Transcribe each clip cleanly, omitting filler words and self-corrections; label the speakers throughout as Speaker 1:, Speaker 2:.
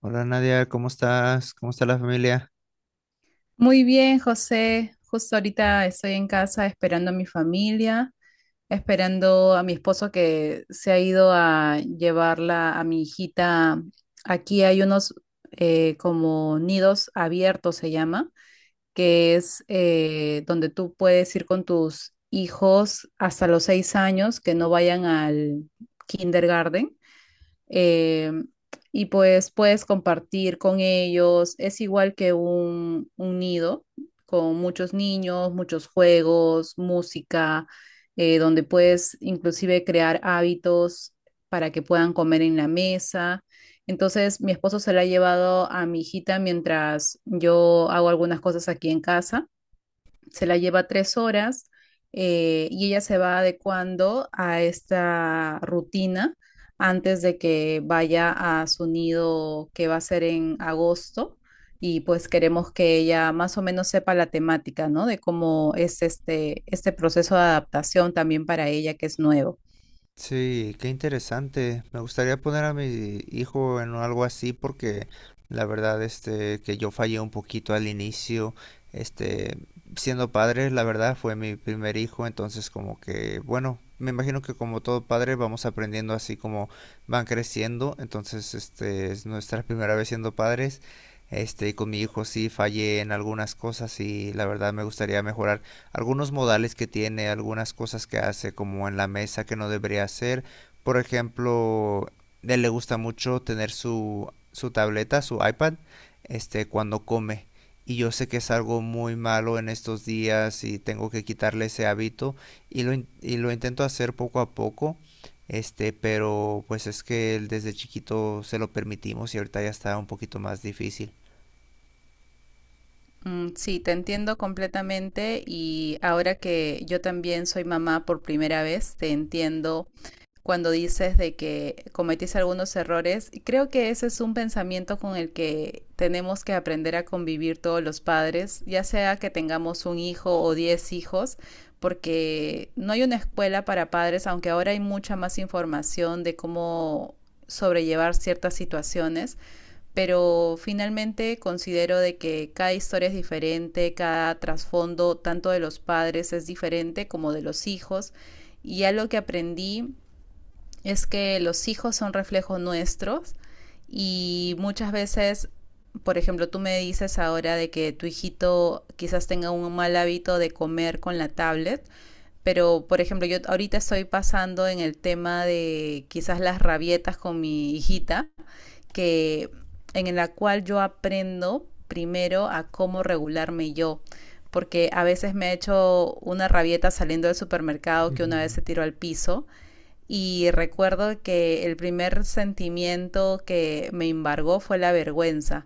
Speaker 1: Hola Nadia, ¿cómo estás? ¿Cómo está la familia?
Speaker 2: Muy bien, José. Justo ahorita estoy en casa esperando a mi familia, esperando a mi esposo que se ha ido a llevarla a mi hijita. Aquí hay unos como nidos abiertos, se llama, que es donde tú puedes ir con tus hijos hasta los 6 años que no vayan al kindergarten, eh, y pues puedes compartir con ellos. Es igual que un nido con muchos niños, muchos juegos, música, donde puedes inclusive crear hábitos para que puedan comer en la mesa. Entonces, mi esposo se la ha llevado a mi hijita mientras yo hago algunas cosas aquí en casa. Se la lleva 3 horas, y ella se va adecuando a esta rutina antes de que vaya a su nido, que va a ser en agosto, y pues queremos que ella más o menos sepa la temática, ¿no? De cómo es este proceso de adaptación también para ella, que es nuevo.
Speaker 1: Sí, qué interesante. Me gustaría poner a mi hijo en algo así porque la verdad que yo fallé un poquito al inicio. este Siendo padre, la verdad fue mi primer hijo. Entonces como que bueno, me imagino que como todo padre vamos aprendiendo así como van creciendo. Entonces es nuestra primera vez siendo padres. Y con mi hijo sí fallé en algunas cosas y la verdad me gustaría mejorar algunos modales que tiene, algunas cosas que hace, como en la mesa que no debería hacer. Por ejemplo, a él le gusta mucho tener su tableta, su iPad, cuando come. Y yo sé que es algo muy malo en estos días y tengo que quitarle ese hábito. Y lo intento hacer poco a poco. Pero pues es que él desde chiquito se lo permitimos y ahorita ya está un poquito más difícil.
Speaker 2: Mm, sí, te entiendo completamente y ahora que yo también soy mamá por primera vez, te entiendo cuando dices de que cometiste algunos errores. Y creo que ese es un pensamiento con el que tenemos que aprender a convivir todos los padres, ya sea que tengamos un hijo o 10 hijos, porque no hay una escuela para padres, aunque ahora hay mucha más información de cómo sobrellevar ciertas situaciones, pero finalmente considero de que cada historia es diferente, cada trasfondo tanto de los padres es diferente como de los hijos, y ya lo que aprendí es que los hijos son reflejos nuestros y muchas veces, por ejemplo, tú me dices ahora de que tu hijito quizás tenga un mal hábito de comer con la tablet, pero por ejemplo, yo ahorita estoy pasando en el tema de quizás las rabietas con mi hijita, que en la cual yo aprendo primero a cómo regularme yo, porque a veces me he hecho una rabieta saliendo del supermercado, que una vez se tiró al piso y recuerdo que el primer sentimiento que me embargó fue la vergüenza.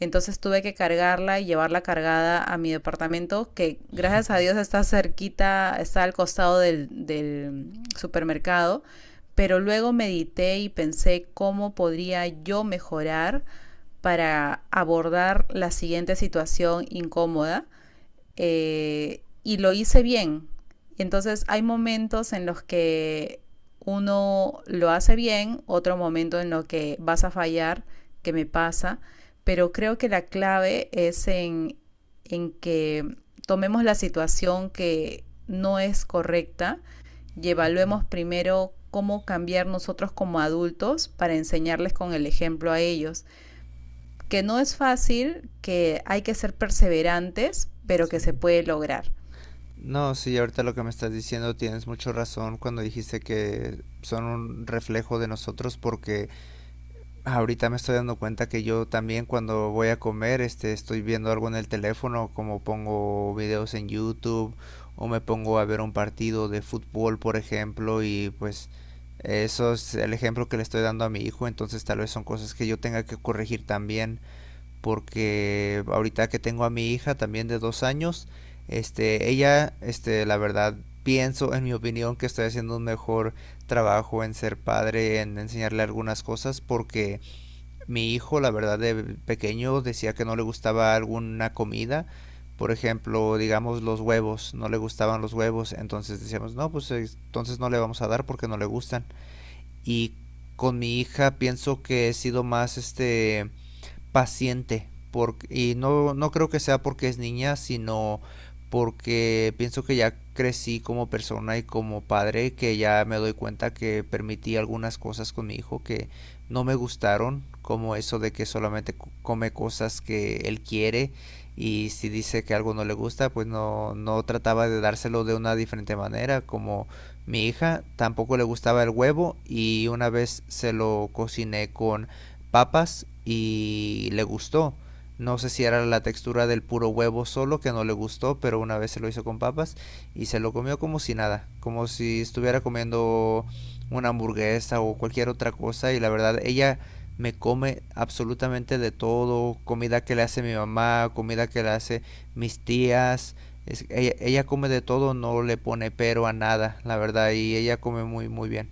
Speaker 2: Entonces tuve que cargarla y llevarla cargada a mi departamento, que gracias a Dios está cerquita, está al costado del supermercado. Pero luego medité y pensé cómo podría yo mejorar para abordar la siguiente situación incómoda, y lo hice bien. Entonces hay momentos en los que uno lo hace bien, otro momento en lo que vas a fallar, que me pasa, pero creo que la clave es en que tomemos la situación que no es correcta y evaluemos primero cómo cambiar nosotros como adultos para enseñarles con el ejemplo a ellos, que no es fácil, que hay que ser perseverantes, pero
Speaker 1: Sí.
Speaker 2: que se puede lograr.
Speaker 1: No, sí, ahorita lo que me estás diciendo tienes mucho razón cuando dijiste que son un reflejo de nosotros. Porque ahorita me estoy dando cuenta que yo también cuando voy a comer, estoy viendo algo en el teléfono, como pongo videos en YouTube o me pongo a ver un partido de fútbol, por ejemplo. Y pues eso es el ejemplo que le estoy dando a mi hijo, entonces tal vez son cosas que yo tenga que corregir también, porque ahorita que tengo a mi hija también de dos años, la verdad, pienso, en mi opinión, que estoy haciendo un mejor trabajo en ser padre, en enseñarle algunas cosas. Porque mi hijo, la verdad, de pequeño decía que no le gustaba alguna comida. Por ejemplo, digamos los huevos, no le gustaban los huevos, entonces decíamos, no, pues entonces no le vamos a dar porque no le gustan. Y con mi hija pienso que he sido más paciente. Porque, y no creo que sea porque es niña, sino porque pienso que ya crecí como persona y como padre, que ya me doy cuenta que permití algunas cosas con mi hijo que no me gustaron, como eso de que solamente come cosas que él quiere. Y si dice que algo no le gusta, pues no trataba de dárselo de una diferente manera. Como mi hija tampoco le gustaba el huevo y una vez se lo cociné con papas y le gustó. No sé si era la textura del puro huevo solo que no le gustó, pero una vez se lo hizo con papas y se lo comió como si nada, como si estuviera comiendo una hamburguesa o cualquier otra cosa. Y la verdad ella me come absolutamente de todo, comida que le hace mi mamá, comida que le hace mis tías. Ella come de todo, no le pone pero a nada, la verdad, y ella come muy muy bien.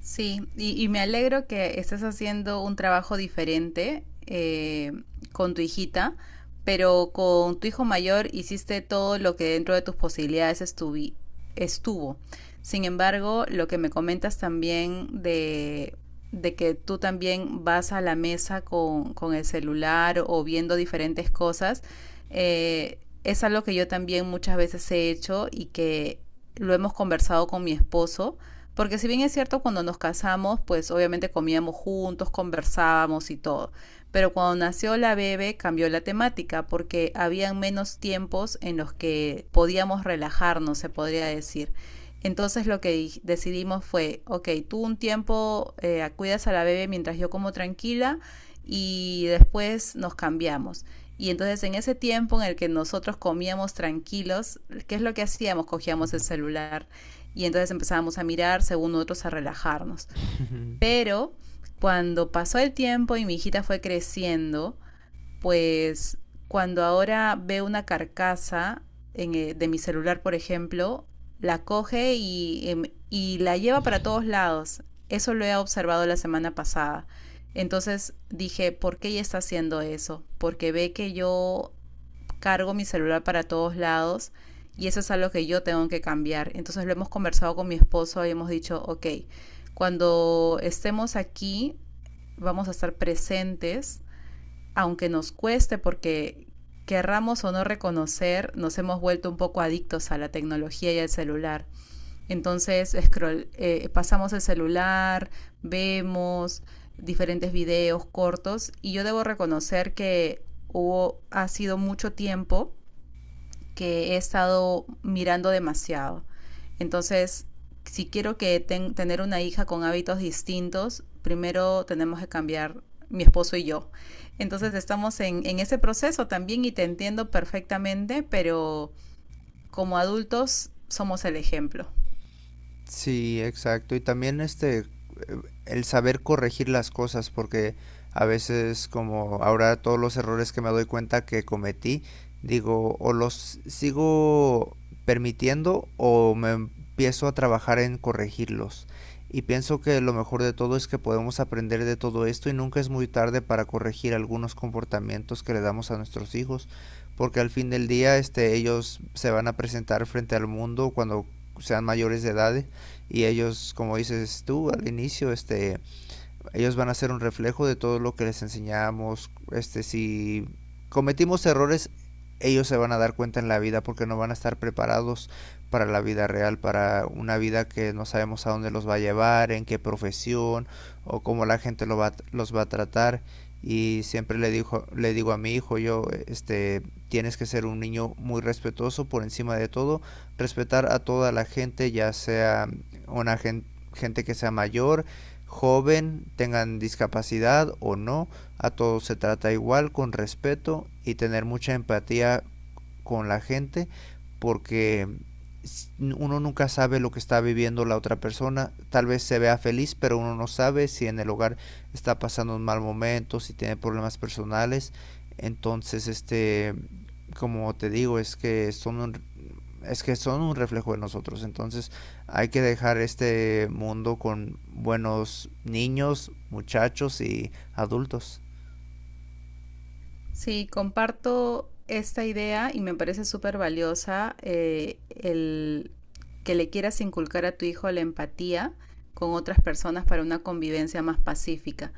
Speaker 2: Sí, y me alegro que estés haciendo un trabajo diferente, con tu hijita, pero con tu hijo mayor hiciste todo lo que dentro de tus posibilidades estuvo. Sin embargo, lo que me comentas también de que tú también vas a la mesa con el celular o viendo diferentes cosas, eh, es algo que yo también muchas veces he hecho y que lo hemos conversado con mi esposo, porque si bien es cierto, cuando nos casamos, pues obviamente comíamos juntos, conversábamos y todo. Pero cuando nació la bebé cambió la temática porque habían menos tiempos en los que podíamos relajarnos, se podría decir. Entonces lo que decidimos fue, ok, tú un tiempo cuidas a la bebé mientras yo como tranquila y después nos cambiamos. Y entonces en ese tiempo en el que nosotros comíamos tranquilos, ¿qué es lo que hacíamos? Cogíamos el celular, y entonces empezábamos a mirar, según otros, a relajarnos. Pero cuando pasó el tiempo y mi hijita fue creciendo, pues cuando ahora ve una carcasa en, de mi celular, por ejemplo, la coge y, y la lleva para todos lados. Eso lo he observado la semana pasada. Entonces dije, ¿por qué ella está haciendo eso? Porque ve que yo cargo mi celular para todos lados y eso es algo que yo tengo que cambiar. Entonces lo hemos conversado con mi esposo y hemos dicho, ok, cuando estemos aquí vamos a estar presentes, aunque nos cueste, porque querramos o no reconocer, nos hemos vuelto un poco adictos a la tecnología y al celular. Entonces scroll, pasamos el celular, vemos diferentes videos cortos y yo debo reconocer que hubo, ha sido mucho tiempo que he estado mirando demasiado. Entonces, si quiero que tener una hija con hábitos distintos, primero tenemos que cambiar mi esposo y yo. Entonces estamos en ese proceso también y te entiendo perfectamente, pero como adultos somos el ejemplo.
Speaker 1: Sí, exacto. Y también el saber corregir las cosas, porque a veces como ahora todos los errores que me doy cuenta que cometí, digo, o los sigo permitiendo o me empiezo a trabajar en corregirlos. Y pienso que lo mejor de todo es que podemos aprender de todo esto y nunca es muy tarde para corregir algunos comportamientos que le damos a nuestros hijos, porque al fin del día, ellos se van a presentar frente al mundo cuando sean mayores de edad. Y ellos, como dices tú al inicio, ellos van a ser un reflejo de todo lo que les enseñamos. Si cometimos errores, ellos se van a dar cuenta en la vida porque no van a estar preparados para la vida real, para una vida que no sabemos a dónde los va a llevar, en qué profesión o cómo la gente lo va, los va a tratar. Y siempre dijo, le digo a mi hijo, yo, tienes que ser un niño muy respetuoso por encima de todo, respetar a toda la gente, ya sea una gente, gente que sea mayor, joven, tengan discapacidad o no, a todos se trata igual, con respeto y tener mucha empatía con la gente, porque uno nunca sabe lo que está viviendo la otra persona. Tal vez se vea feliz, pero uno no sabe si en el hogar está pasando un mal momento, si tiene problemas personales. Entonces, como te digo, es que son un reflejo de nosotros. Entonces hay que dejar este mundo con buenos niños, muchachos y adultos.
Speaker 2: Sí, comparto esta idea y me parece súper valiosa, el que le quieras inculcar a tu hijo la empatía con otras personas para una convivencia más pacífica.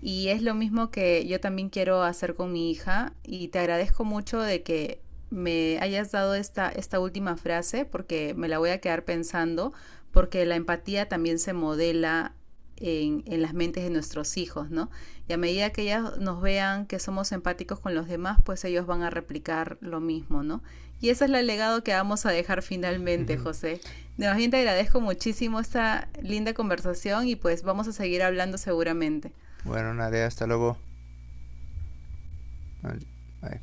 Speaker 2: Y es lo mismo que yo también quiero hacer con mi hija y te agradezco mucho de que me hayas dado esta última frase porque me la voy a quedar pensando, porque la empatía también se modela las mentes de nuestros hijos, ¿no? Y a medida que ellas nos vean que somos empáticos con los demás, pues ellos van a replicar lo mismo, ¿no? Y ese es el legado que vamos a dejar finalmente,
Speaker 1: Ujú.
Speaker 2: José. De más bien, te agradezco muchísimo esta linda conversación y pues vamos a seguir hablando seguramente.
Speaker 1: Bueno, Nadia, hasta luego. Bye.